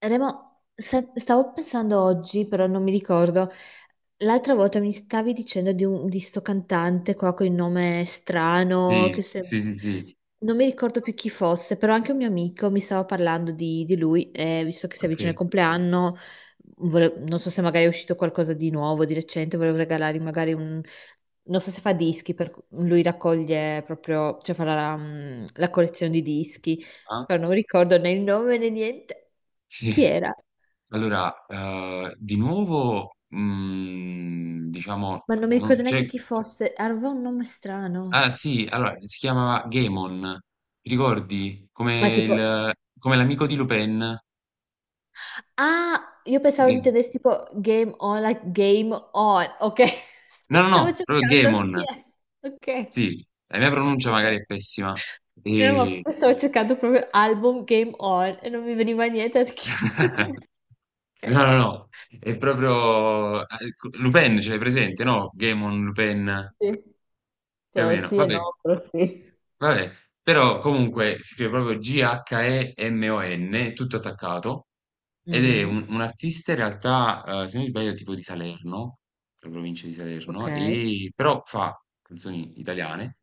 Remo, stavo pensando oggi, però non mi ricordo. L'altra volta mi stavi dicendo di sto cantante qua con il nome strano, che Sì, se- sì, sì, sì, non mi ricordo più chi fosse, però anche un mio amico mi stava parlando di lui, e visto che si avvicina il okay. compleanno, non so se magari è uscito qualcosa di nuovo, di recente, volevo regalargli magari un... Non so se fa dischi, per... lui raccoglie proprio, cioè fa la collezione di dischi, Ah, però non mi ricordo né il nome né niente. sì. Chi era? Allora, di nuovo, mhmm, diciamo Ma non mi non ricordo c'è neanche chi fosse, aveva un nome ah strano, sì, allora si chiamava Gaemon, ti ricordi? ma Come tipo, il come l'amico di Lupin, ah, io pensavo Ghe intendessi tipo Game On, like Game On, ok. no, no, Stavo no, proprio cercando chi Gaemon, è, ok, sì. La mia pronuncia ok. magari è pessima, Ma ehm stavo cercando proprio album Game On e non mi veniva niente perché sto qua. No, Ok, no, no, è proprio a ecco, Lupin ce l'hai presente, no, Gaemon, Lupin, sì, più o cioè meno, sì e vabbè. no, però sì. Vabbè, però comunque si scrive proprio G-H-E-M-O-N, tutto attaccato, ed è Mhm, un artista in realtà, se non mi sbaglio, tipo di Salerno, la provincia di ok, Salerno, e però fa canzoni italiane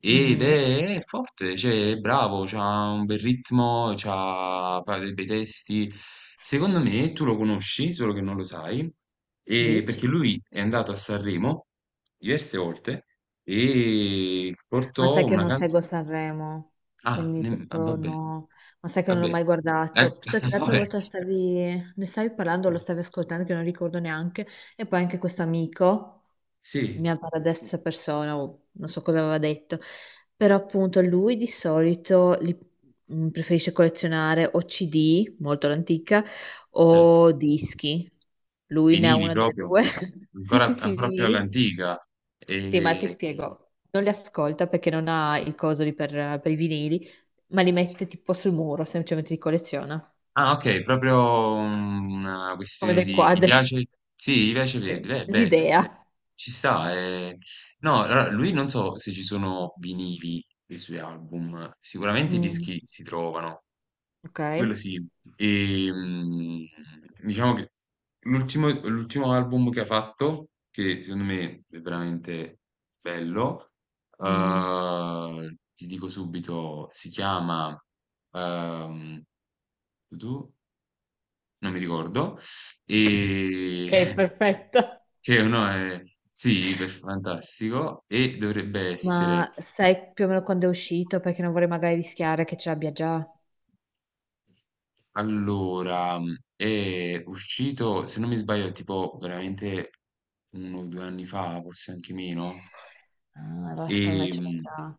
ed mhm. è forte, cioè è bravo, ha un bel ritmo, fa dei bei testi. Secondo me tu lo conosci, solo che non lo sai, Dici? perché lui è andato a Sanremo diverse volte e Ma portò sai che io una non canzone. seguo Sanremo, Ah, quindi proprio vabbè, no. Ma sai che non l'ho vabbè. mai Eh, guardato. So che l'altra vabbè, volta stavi, ne stavi parlando, sì, lo stavi ascoltando, che non ricordo neanche. E poi anche questo amico, sì, mia paradessa persona, o non so cosa aveva detto. Però appunto lui di solito preferisce collezionare o CD, molto l'antica, certo. o dischi. Lui ne ha Vinili una delle proprio, due. Sì, ancora, sì, sì, ancora più vinili. all'antica. Sì, ma ti E... spiego, non li ascolta perché non ha il coso per i vinili, ma li mette tipo sul muro, semplicemente li colleziona, Ah, ok, proprio una come questione dei di... Gli quadri. piace? Sì, gli piace Verdi. Sì. Beh, beh, L'idea. ci sta. Eh. No, allora, lui non so se ci sono vinili dei suoi album, sicuramente i Mm, dischi si trovano, ok. quello sì. E, diciamo che l'ultimo album che ha fatto, che secondo me è veramente bello, Mm. Ti dico subito, si chiama... ehm, tu? Non mi ricordo. E Ok, perfetto. che uno è sì, fantastico. E dovrebbe essere Ma sai più o meno quando è uscito? Perché non vorrei magari rischiare che ce l'abbia già. allora, mhmm, è uscito, se non mi sbaglio, tipo veramente uno o due anni fa, forse anche meno. Ah, allora E secondo me ce l'ho già.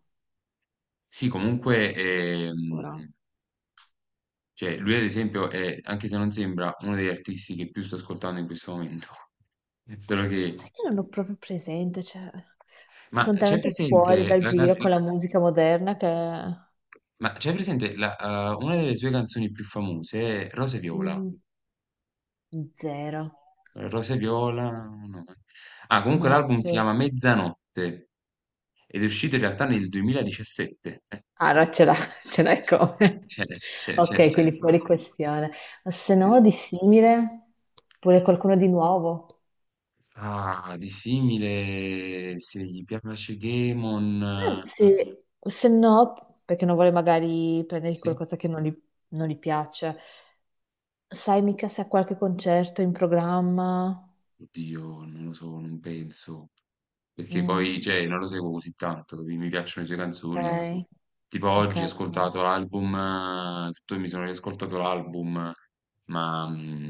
sì, comunque, è, Sicuro. cioè, lui ad esempio è, anche se non sembra, uno degli artisti che più sto ascoltando in questo momento. Solo Ma che, sai che non ho proprio presente, cioè... ma Sono c'è talmente fuori presente dal la, can- giro con la musica moderna che... ma c'è presente la, una delle sue canzoni più famose, Rose e Viola? Mm, zero. Rose viola, no. Ah, comunque No, l'album si proprio- chiama Mezzanotte ed è uscito in realtà nel 2017. Allora eh, ce l'ha, ce l'hai sì. come. C'è, c'è, c'è, Ok, c'è. quindi fuori questione. Ma se Sì, no, sì, di sì. simile, pure qualcuno di nuovo. Ah, di simile, se gli piace Gamon, Anzi, se no, perché non vuole magari prendere sì. qualcosa che non gli piace. Sai mica se ha qualche concerto in programma? Oddio, non lo so, non penso. Perché poi, Mm, cioè, non lo seguo così tanto, capi? Mi piacciono le sue canzoni. ok, Tipo ok. oggi ho Ok. ascoltato l'album, tutto, mi sono riascoltato l'album, ma mm,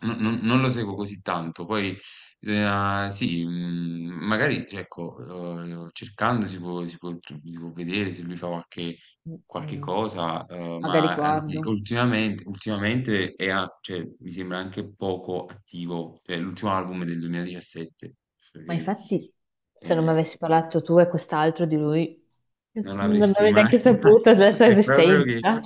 non lo seguo così tanto. Poi, sì, mm, magari, ecco, cercando si può vedere se lui fa qualche Mm, qualche mm. cosa, Magari ma anzi guardo. ultimamente è a cioè mi sembra anche poco attivo, cioè l'ultimo album è del 2017, per Ma capì infatti, se non mi ehm, avessi parlato tu e quest'altro di lui, non non l'avresti avrei mai neanche saputo della sua è proprio che esistenza.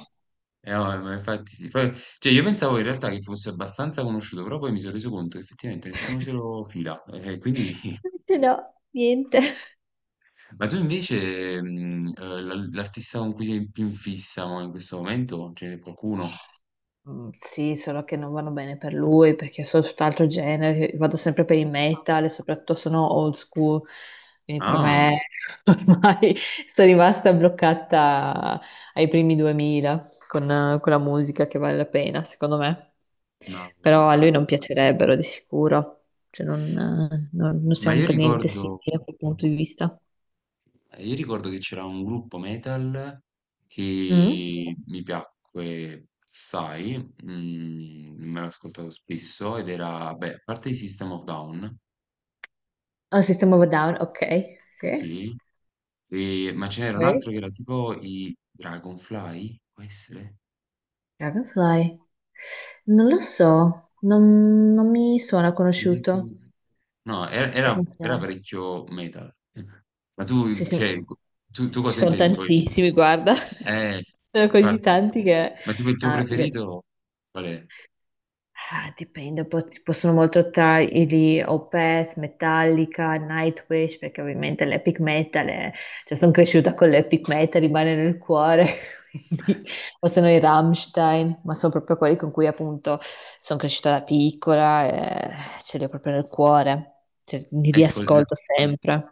no, ma infatti sì. Poi cioè io pensavo in realtà che fosse abbastanza conosciuto, però poi mi sono reso conto che effettivamente nessuno se lo fila, e quindi Invece no, niente. ma tu invece, mhmm, l'artista con cui sei più in fissa mo in questo momento, ce n'è qualcuno? Mm, sì, solo che non vanno bene per lui perché sono tutt'altro genere, vado sempre per il metal e soprattutto sono old school, quindi per Ah, me ormai sono rimasta bloccata ai primi 2000 con la musica che vale la pena, secondo me. ma Però a ah. lui non piacerebbero di sicuro, non Ma siamo io per niente ricordo, simili da quel punto di vista. io ricordo che c'era un gruppo metal Mm? che mi piacque assai, mm, me l'ho ascoltato spesso ed era, beh, a parte i System of Down, Ah, System of a Down, ok, sì. sì, ma ce n'era Ok. un altro che era tipo i Dragonfly, può essere? Dragonfly? Non lo so, non mi suona Non conosciuto. ti- No, era Dragonfly. parecchio metal. Ma tu Sì, sì, cioè, tu ci cosa sono intendi poi? Cioè tantissimi, guarda. eh, Sono così infatti. tanti che... Ma tipo il tuo no, preferito qual è? ah, dipende, ci possono molto tra i gli Opeth, Metallica, Nightwish, perché ovviamente cioè sono cresciuta con l'epic metal, rimane nel cuore, quindi, o sono i Rammstein, ma sono proprio quelli con cui appunto sono cresciuta da piccola e ce li ho proprio nel cuore, cioè, li Ecco, riascolto sempre.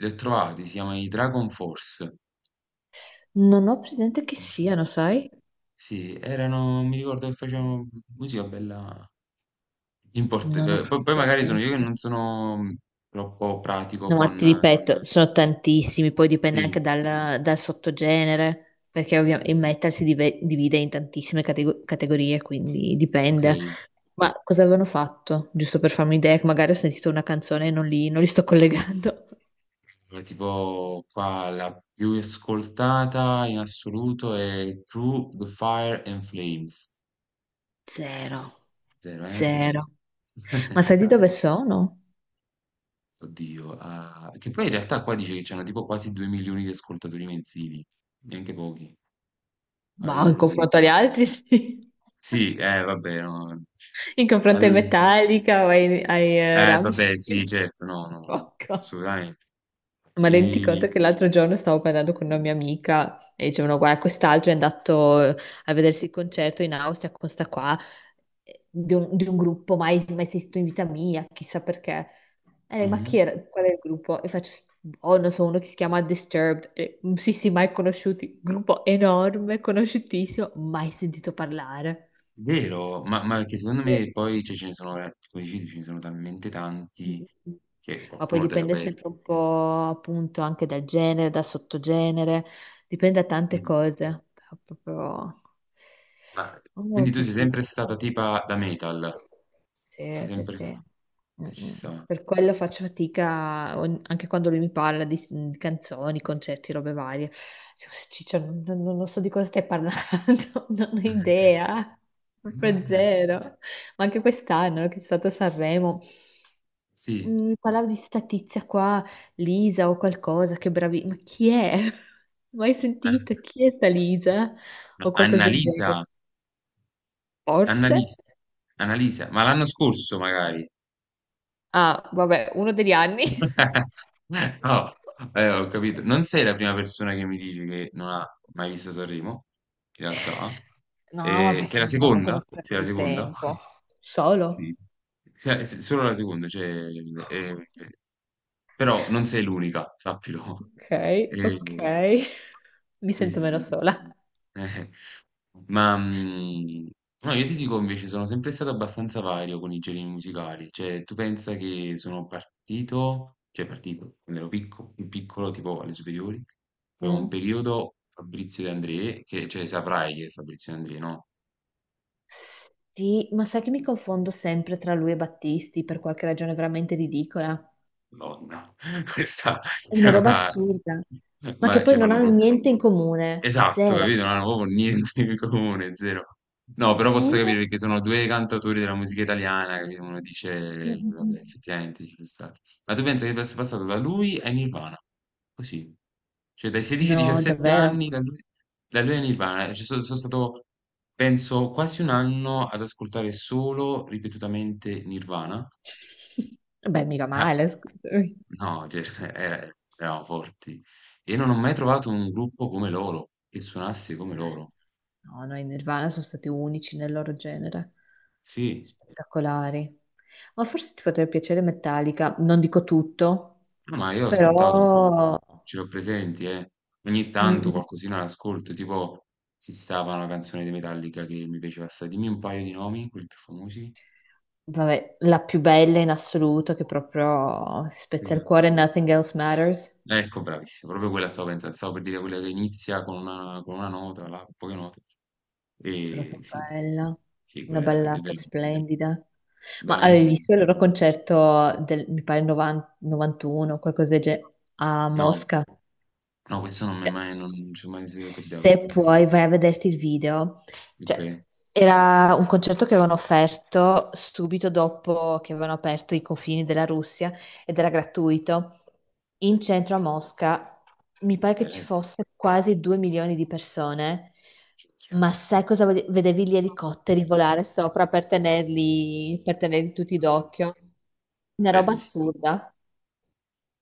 li ho trovati, si chiama i Dragon Force. Non ho presente chi Sì, siano, sai? sì, erano, mi ricordo che facevano musica bella import Non ho poi proprio poi magari sono io che non presente. sono mm, troppo pratico No, ma ti con ripeto, sono tantissimi, poi dipende sì, anche dal sottogenere, perché ovviamente il metal divide in tantissime categorie, quindi ok. dipende. Ma cosa avevano fatto? Giusto per farmi un'idea, che magari ho sentito una canzone e non li sto collegando. Tipo qua la più ascoltata in assoluto è Through the Fire and Flames. Zero, Zero, eh? No. zero. Ma sai di Eh, dove sono? oddio. Ah, che poi in realtà qua dice che c'hanno tipo quasi 2 milioni di ascoltatori mensili, neanche pochi. Bah, in confronto Allora, agli altri, sì. sì, vabbè, no. In confronto ai Al- Metallica o ai vabbè, sì, Rammstein. certo, no, no, Poco. assolutamente. Ma rendi conto E... che l'altro giorno stavo parlando con una mia amica e dicevano, guarda, quest'altro è andato a vedersi il concerto in Austria con sta qua, di un gruppo mai esistito in vita mia, chissà perché. E lei, ma Mhm. chi era? Qual è il gruppo? E faccio, oh, non so, uno che si chiama Disturbed. E, "Mm, sì, sì, mai conosciuti. Gruppo enorme, conosciutissimo, mai sentito parlare. Vero, ma che secondo me poi cioè, ce ne sono, come dicevi, ce ne sono talmente Mm, tanti mm, mm. che Ma poi qualcuno te lo dipende perdi. sempre un po' appunto anche dal genere, dal sottogenere, dipende da tante Sì. cose. Però proprio... Ma Oh, quindi tu che sei pizza. sempre stata tipa da metal? Hai Sì, sì, sempre... sì. Mm, ci mm. sta. Per quello faccio fatica anche quando lui mi parla di canzoni, concerti, robe varie. Dico, Ciccio, non so di cosa stai parlando, non ho idea, proprio zero. Ma anche quest'anno che è stato a Sanremo. Sì. Mm, parlavo di sta tizia qua, Lisa o qualcosa, che bravi, ma chi è? Mai sentita? Ma- Chi è sta Lisa? ma O qualcosa del Annalisa, genere? Forse? Annalisa, Annalisa, ma l'anno scorso magari. Ah, vabbè, uno degli anni. No, ho capito. Non sei la prima persona che mi dice che non ha mai visto Sanremo, in realtà. No, ma Sei perché la veramente uno seconda? Sei spreco la di seconda? tempo. Solo. Sì. Solo la seconda, cioè, però non sei l'unica, sappilo. Ok, ok. Mi sì, sento sì, meno sì. sola. Eh, ma, mhmm, no, io ti dico invece sono sempre stato abbastanza vario con i generi musicali, cioè tu pensa che sono partito cioè partito, quando ero picco più piccolo, tipo alle superiori, avevo un Mm. periodo Fabrizio De André, che cioè saprai chi è Fabrizio De André, no? Sì, ma sai che mi confondo sempre tra lui e Battisti per qualche ragione veramente ridicola? Madonna, questa È è una roba una assurda, ma che ma poi cioè non fanno hanno pro niente in comune, esatto, zero. capito? Non hanno proprio niente in comune, zero. No, però posso Eppure, capire perché sono due cantatori della musica italiana, capito? Uno mm, dice, mm, vabbè, mm. effettivamente ci può stare. Ma tu pensi che fosse passato da lui a Nirvana? Così. Cioè dai 16 ai No, 17 anni, davvero. Da lui a Nirvana. Cioè, sono stato, penso, quasi un anno ad ascoltare solo, ripetutamente, Nirvana. Vabbè, mica Ah, male, scusami. no, cioè, eravamo forti. E non ho mai trovato un gruppo come loro, che suonasse come loro. No, no, i Nirvana sono stati unici nel loro genere, Sì, spettacolari. Ma forse ti potrebbe piacere Metallica, non dico tutto, no, ma io ho ascoltato un po', però ce l'ho presenti, eh. Ogni tanto mm, qualcosina l'ascolto, tipo ci stava una canzone di Metallica che mi piaceva assai. Dimmi un paio di nomi, quelli più famosi. vabbè, la più bella in assoluto che proprio spezza il Quella- cuore, Nothing Else Matters. ecco, bravissimo, proprio quella stavo pensando, stavo per dire quella che inizia con una nota, là, con poche note. E Proprio sì, bella, sì, una quella è ballata veramente, splendida. Ma avevi veramente... visto il loro concerto del, mi pare, 90 91 qualcosa del genere, a No, Mosca? no, questo non mi è Cioè, mai, non ci è mai capitato. se puoi, vai a vederti il video. Ok, Cioè, era un concerto che avevano offerto subito dopo che avevano aperto i confini della Russia ed era gratuito. In centro a Mosca mi pare che ci bene, fosse quasi 2 milioni di persone, minchia, ma sai cosa vedevi gli elicotteri volare sopra per tenerli tutti d'occhio? Una roba bellissimo. assurda.